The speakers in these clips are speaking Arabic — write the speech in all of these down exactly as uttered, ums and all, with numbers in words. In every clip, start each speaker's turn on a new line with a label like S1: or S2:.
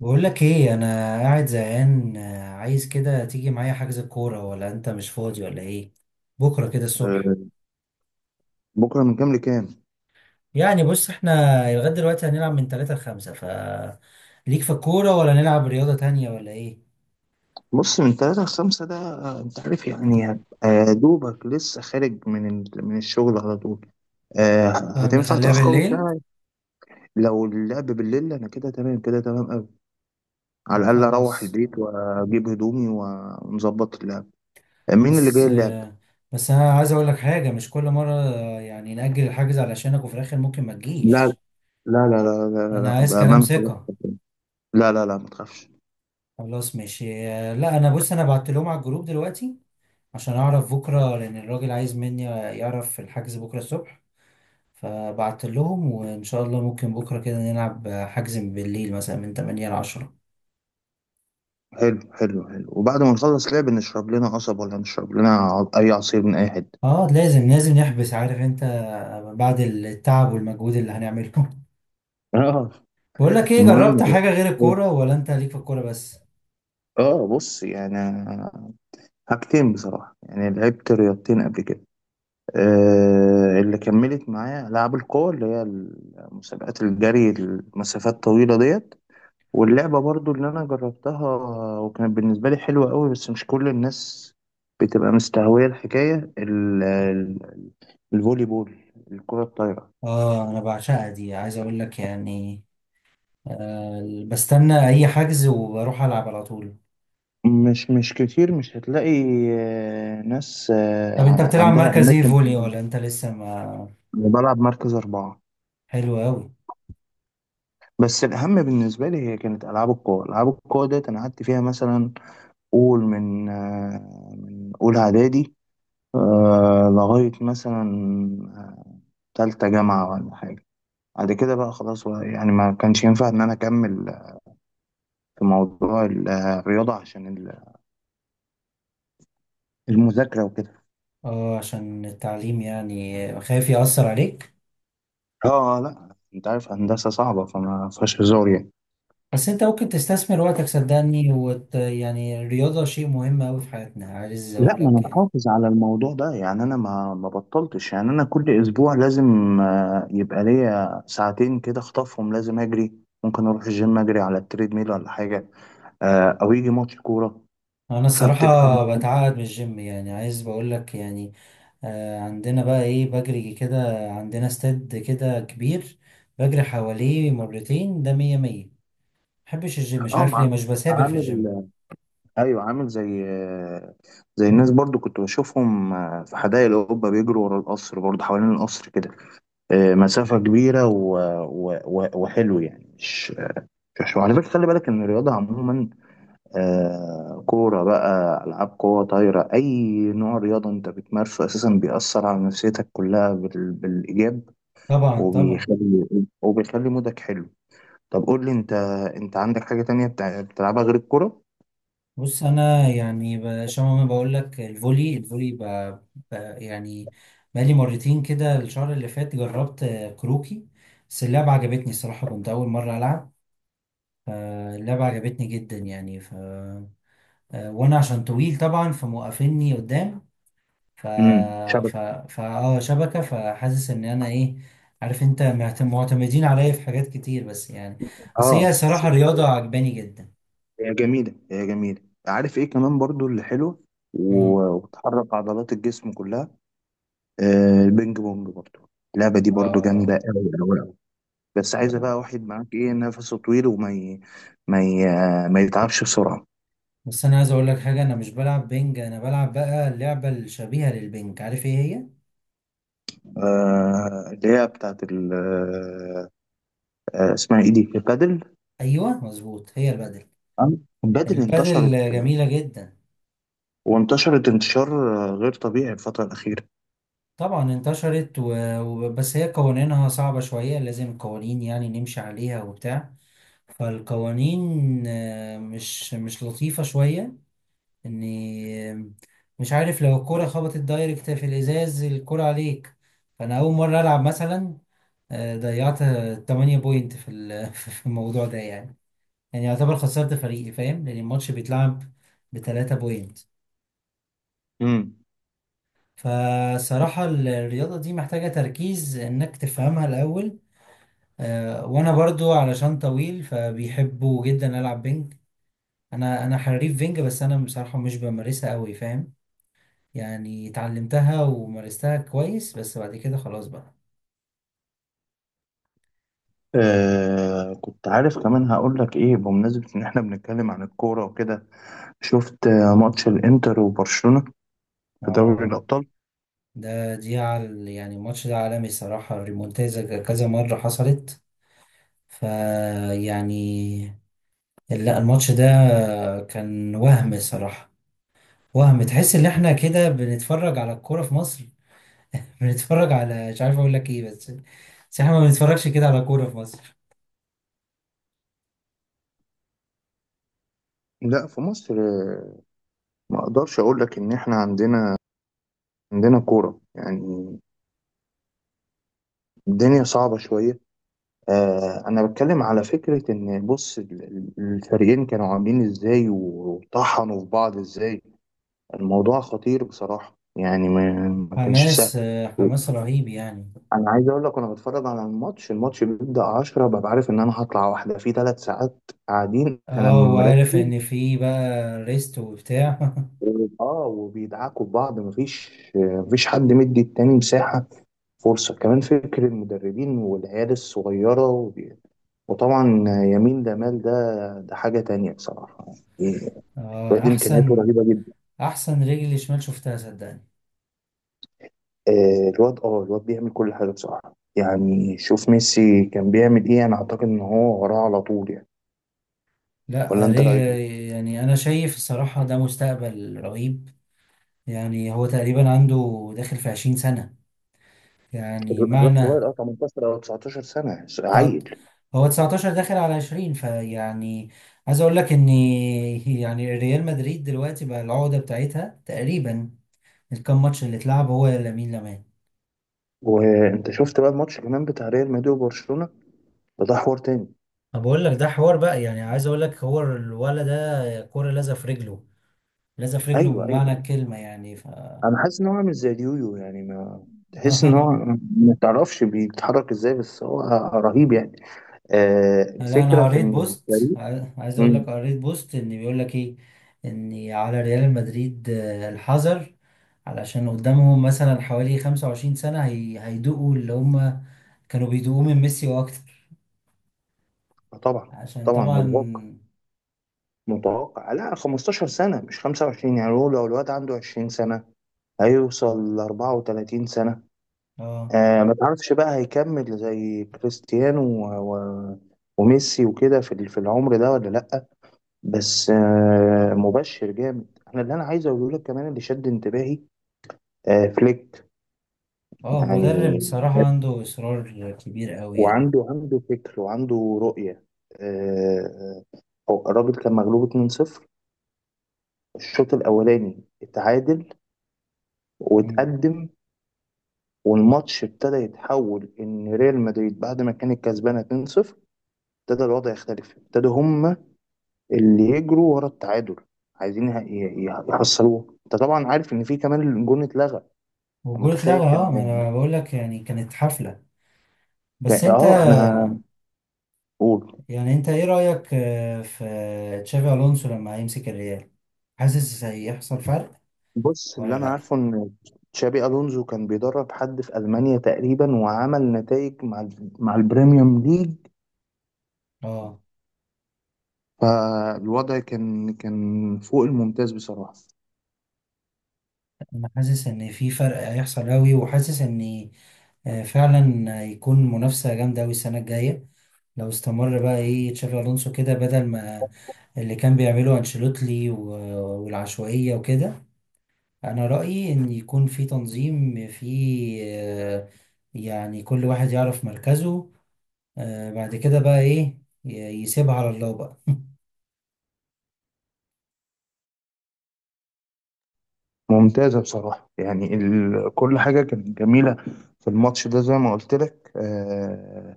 S1: بقول لك ايه. انا قاعد زهقان، آه، عايز كده تيجي معايا حجز الكوره، ولا انت مش فاضي ولا ايه؟ بكره كده الصبح.
S2: آه، بكرة من كام لكام؟
S1: يعني بص، احنا لغايه دلوقتي هنلعب من ثلاثة ل خمسة. ف ليك في الكوره، ولا نلعب رياضه تانية ولا ايه؟
S2: بص من تلاتة لخمسة ده، آه، أنت عارف يعني هبقى دوبك لسه خارج من ال- من الشغل على طول. آه،
S1: طب
S2: هتنفع
S1: نخليها
S2: تأخره
S1: بالليل.
S2: ساعة. لو اللعب بالليل أنا كده تمام، كده تمام أوي. على
S1: طب
S2: الأقل أروح
S1: خلاص.
S2: البيت وأجيب هدومي ونظبط اللعب. آه، مين اللي جاي
S1: بس
S2: اللعب؟
S1: آه، بس انا عايز اقول لك حاجه، مش كل مره آه، يعني نأجل الحجز علشانك وفي الاخر ممكن ما
S2: لا
S1: تجيش.
S2: لا لا لا لا لا
S1: انا
S2: لا،
S1: عايز كلام
S2: بأمانة خلاص.
S1: ثقه.
S2: لا لا لا، ما تخافش.
S1: خلاص ماشي. آه، لا انا بص، انا بعت لهم على الجروب دلوقتي عشان اعرف بكره، لان الراجل عايز مني يعرف الحجز بكره الصبح. فبعت لهم، وان شاء الله ممكن بكره كده نلعب حجز من بالليل، مثلا من ثمانية ل عشرة.
S2: حلو حلو حلو، وبعد ما نخلص لعب نشرب لنا قصب ولا نشرب لنا ع- أي عصير من أي حتة.
S1: اه لازم لازم نحبس، عارف انت، بعد التعب والمجهود اللي هنعمله
S2: اه.
S1: بقول لك ايه،
S2: المهم،
S1: جربت حاجه غير الكوره ولا انت ليك في الكوره بس؟
S2: اه بص يعني، حاجتين بصراحة، يعني لعبت رياضتين قبل كده. آه اللي كملت معايا ألعاب القوة، اللي هي مسابقات الجري المسافات طويلة ديت، واللعبة برضو اللي أنا جربتها، وكانت بالنسبة لي حلوة قوي، بس مش كل الناس بتبقى مستهوية الحكاية ال- ال-، الفولي بول، الكرة الطايرة.
S1: اه انا بعشقها دي، عايز اقول لك يعني. آه بستنى اي حجز وبروح العب على طول.
S2: مش مش كتير، مش هتلاقي آه، ناس آه،
S1: طب انت
S2: ع-
S1: بتلعب
S2: عندها
S1: مركز ايه،
S2: أماكن.
S1: فولي ولا انت لسه ما...
S2: أنا بلعب مركز أربعة.
S1: حلو قوي.
S2: بس الأهم بالنسبة لي هي كانت ألعاب القوى. ألعاب القوى ديت أنا قعدت فيها مثلا، قول من آه، من أولى إعدادي، آه، لغاية مثلا آه، تالتة جامعة ولا حاجة. بعد كده بقى خلاص بقى، يعني ما كانش ينفع إن أنا أكمل في موضوع ال- آه، الرياضة عشان ال- المذاكرة وكده.
S1: اه عشان التعليم، يعني خايف يأثر عليك.
S2: آه آه، لأ، أنت عارف هندسة صعبة، فما فيهاش هزار يعني.
S1: بس انت ممكن تستثمر وقتك، صدقني، وت... يعني الرياضة شيء مهم أوي في حياتنا، عايز
S2: لا،
S1: أقول
S2: ما انا
S1: لك يعني.
S2: محافظ على الموضوع ده يعني. انا ما ما بطلتش يعني. انا كل اسبوع لازم آه، يبقى ليا ساعتين كده اخطفهم، لازم اجري. ممكن اروح الجيم اجري على التريد ميل ولا حاجه، آه، او يجي ماتش كوره.
S1: أنا الصراحة
S2: فبتبقى،
S1: بتعقد من الجيم، يعني عايز بقول لك يعني. آه عندنا بقى إيه، بجري كده. عندنا استاد كده كبير بجري حواليه مرتين، ده مية مية. محبش الجيم، مش
S2: اه،
S1: عارف ليه
S2: مع-
S1: مش بسافر في الجيم.
S2: عامل، ايوه عامل زي آه، زي الناس. برضو كنت بشوفهم آه، في حدائق الاوروبا بيجروا ورا القصر، برضو حوالين القصر كده، آه، مسافه كبيره و... و... و... وحلو يعني. مش مش وعلى فكره، خلي بالك ان الرياضه عموما، آه كورة بقى، ألعاب قوة، طايرة، أي نوع رياضة أنت بتمارسه أساسا بيأثر على نفسيتك كلها بال... بالإيجاب،
S1: طبعا طبعا.
S2: وبيخلي وبيخلي مودك حلو. طب قول لي أنت، أنت عندك حاجة تانية بتع- بتلعبها غير الكورة؟
S1: بص انا يعني ب- شبه ما بقول لك، الفولي الفولي ب... ب... يعني بقالي مرتين كده الشهر اللي فات جربت آه، كروكي. بس اللعبة عجبتني الصراحة، كنت أول مرة ألعب، فاللعبة عجبتني جدا يعني. ف... آه، وأنا عشان طويل طبعا فموقفيني قدام. ف
S2: امم، شبكة.
S1: ف ف اه شبكة. فحاسس إن أنا إيه، عارف أنت معت- معتمدين عليا في حاجات كتير، بس يعني بس
S2: اه،
S1: هي صراحة رياضة عجباني جدا.
S2: هي جميلة، هي جميلة. عارف إيه كمان برضو اللي حلو،
S1: امم.
S2: و- وبتحرك عضلات الجسم كلها. آه البينج بونج برضو، اللعبة دي برضو جامدة
S1: اه.
S2: أوي أوي. بس عايزه بقى
S1: آه.
S2: واحد معاك ايه، نفسه طويل وما ي... ما ي... ما يتعبش بسرعه.
S1: بس انا عايز اقول لك حاجه، انا مش بلعب بينج، انا بلعب بقى اللعبه الشبيهه للبينج، عارف ايه هي؟
S2: آه اللي هي بتاعت ال... آه اسمها ايه دي، البادل.
S1: ايوه مظبوط، هي البادل.
S2: آه، البادل انتشرت،
S1: البادل جميله جدا.
S2: وانتشرت انتشار آه، غير طبيعي الفتره الاخيره.
S1: طبعا انتشرت و... و- بس هي قوانينها صعبه شويه، لازم قوانين يعني نمشي عليها وبتاع. فالقوانين آه، مش مش لطيفة شوية. اني آه، مش عارف، لو الكرة خبطت دايركت في الازاز، الكرة عليك. فانا اول مرة العب مثلا آه، ضيعت ثمانية بوينت في ال- في الموضوع ده يعني. يعني يعتبر خسرت فريقي، فاهم، لان الماتش بيتلعب بتلاتة بوينت.
S2: امم.
S1: فصراحة الرياضة دي محتاجة تركيز انك تفهمها الاول. آه، وانا برضو علشان طويل فبيحبوا جدا العب بينج. انا انا حريف بينج، بس انا بصراحة مش بمارسها قوي فاهم. يعني اتعلمتها ومارستها كويس، بس بعد كده خلاص بقى.
S2: آه كنت عارف. كمان هقول لك ايه، بمناسبه ان احنا بنتكلم عن الكوره وكده، شفت آه، ماتش الانتر وبرشلونه في دوري
S1: اه
S2: الابطال؟
S1: ده دي عال، يعني الماتش ده عالمي الصراحة، ريمونتازا كذا مرة حصلت فيعني. لا الماتش ده كان وهم صراحة، وهم، تحس ان احنا كده بنتفرج على الكورة في مصر بنتفرج على، مش عارف اقول لك ايه، بس بس احنا ما بنتفرجش كده على كورة في مصر.
S2: لا في مصر آه، ما اقدرش اقول لك ان احنا عندنا عندنا كوره يعني. الدنيا صعبة شوية. آه أنا بتكلم على فكرة إن بص ال- ال- الفريقين كانوا عاملين إزاي وطحنوا في بعض إزاي. الموضوع خطير بصراحة، يعني ما, ما كانش
S1: حماس
S2: سهل.
S1: آه، حماس رهيب يعني.
S2: أنا عايز أقول لك، أنا بتفرج على الماتش، الماتش بيبدأ عشرة، ببقى عارف إن أنا هطلع واحدة في ثلاث ساعات قاعدين، أنا
S1: اه وعارف
S2: مركز.
S1: ان في بقى ريست وبتاع
S2: و- آه وبيدعكوا في بعض، مفيش مفيش حد مدي التاني مساحة، فرصة كمان. فكر المدربين والعيال الصغيرة، وطبعا يمين جمال ده، ده حاجة تانية بصراحة يعني.
S1: اه
S2: الواد إمكانياته
S1: احسن.
S2: رهيبة جدا.
S1: احسن رجل شمال، شفتها صدقني.
S2: آه، الواد، اه الواد بيعمل كل حاجة بصراحة يعني. شوف ميسي كان بيعمل ايه، أنا أعتقد إن هو وراه على طول يعني. ولا
S1: لا
S2: أنت رأيك إيه؟
S1: ري- يعني انا شايف الصراحة ده مستقبل رهيب. يعني هو تقريبا عنده داخل في عشرين سنة، يعني
S2: الواد
S1: معنى
S2: صغير، اه تمنتاشر أو 19 سنة،
S1: تسعة-
S2: عيل.
S1: هو تسعة عشر داخل على عشرين، فيعني عايز اقول لك ان، يعني ريال مدريد دلوقتي بقى العقدة بتاعتها تقريبا الكام ماتش اللي اتلعب هو لامين يامال.
S2: وأنت شفت بقى الماتش كمان بتاع ريال مدريد وبرشلونة، ده حوار تاني.
S1: انا بقول لك ده حوار بقى، يعني عايز اقول لك، هو الولد ده كورة لازقة في رجله، لازقة في رجله
S2: أيوه
S1: بمعنى
S2: أيوه.
S1: الكلمة يعني. ف
S2: أنا حاسس إن هو عامل زي اليويو يعني. ما تحس إن هو، ما تعرفش بيتحرك إزاي، بس هو رهيب يعني. آه
S1: لا انا
S2: الفكرة في
S1: قريت
S2: إن
S1: بوست،
S2: الفريق.
S1: عاي- عايز اقول
S2: مم.
S1: لك قريت بوست ان بيقول لك ايه، ان على ريال مدريد آه، الحذر، علشان قدامهم مثلا حوالي خمسة وعشرين سنة هي... هيدوقوا اللي هم كانوا بيدوقوه من ميسي واكتر،
S2: آه طبعا، آه
S1: عشان
S2: طبعا
S1: طبعا
S2: متوقع. متوقع لا 15 سنة مش خمسة وعشرين يعني. هو لو الواد عنده 20 سنة، هيوصل ل 34 سنة.
S1: اه.
S2: آه ما تعرفش بقى هيكمل زي كريستيانو و... و... وميسي وكده في ال- في العمر ده ولا لأ. بس آه مبشر جامد. أنا اللي أنا عايز أقوله لك كمان اللي شد انتباهي آه فليك
S1: اه مدرب
S2: يعني.
S1: الصراحة عنده اصرار كبير قوي يعني.
S2: وعنده عنده فكر وعنده رؤية. آه، هو الراجل كان مغلوب اتنين صفر، الشوط الأولاني اتعادل
S1: مم.
S2: واتقدم. والماتش ابتدى يتحول، إن ريال مدريد بعد ما كانت كسبانة اتنين صفر، ابتدى الوضع يختلف. ابتدوا هم اللي يجروا ورا التعادل، عايزين يه- يه- يحصلوه. انت طبعا عارف ان في كمان الجون اتلغى. أنت
S1: والجول
S2: متخيل؟
S1: اتلغى، اه
S2: كان
S1: ما انا بقول لك يعني كانت حفلة. بس
S2: كان-
S1: انت
S2: اه انا قول.
S1: يعني، انت ايه رأيك آه، في تشافي الونسو لما هيمسك الريال؟ حاسس هيحصل فرق
S2: بص اللي
S1: ولا
S2: انا
S1: لا؟
S2: عارفه ان تشابي الونزو كان بيدرب حد في المانيا تقريبا، وعمل نتائج مع ال- مع البريميوم ليج.
S1: اه
S2: فالوضع كان، كان فوق الممتاز بصراحه.
S1: انا حاسس ان في فرق هيحصل قوي، وحاسس ان آه، فعلا هيكون منافسه جامده قوي السنه الجايه لو استمر بقى ايه تشافي الونسو كده بدل ما اللي كان بيعمله انشيلوتي و- والعشوائيه وكده. انا رايي ان يكون في تنظيم، في آه، يعني كل واحد يعرف مركزه. آه، بعد كده بقى ايه ي- يسيبها على الله بقى.
S2: ممتازه بصراحه يعني. ال... كل حاجه كانت جميله في الماتش ده. زي ما قلت لك، آه...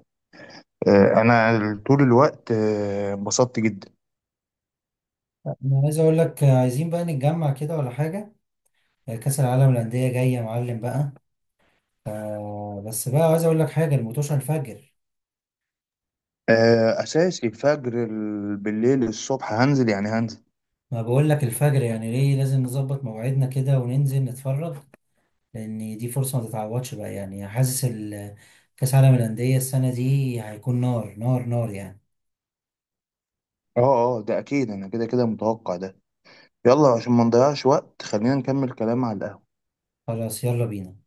S2: آه... انا طول الوقت آه، انبسطت جدا.
S1: انا عايز اقول لك آه، عايزين بقى نتجمع كده ولا حاجه. آه، كأس العالم للأندية جاية يا معلم بقى. آه بس بقى عايز اقول لك حاجه، الموتوشه الفجر.
S2: آه... اساسي الفجر، ال- بالليل الصبح هنزل يعني، هنزل.
S1: ما بقول لك الفجر، يعني ليه لازم نظبط مواعيدنا كده وننزل نتفرج، لان دي فرصه ما تتعوضش بقى. يعني حاسس ال- كاس عالم الانديه السنه دي هيكون نار نار نار يعني.
S2: اه اه، ده اكيد، انا كده كده متوقع ده. يلا عشان ما نضيعش وقت، خلينا نكمل كلام على القهوة.
S1: خلاص يلا بينا.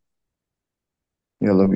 S2: يلا بينا.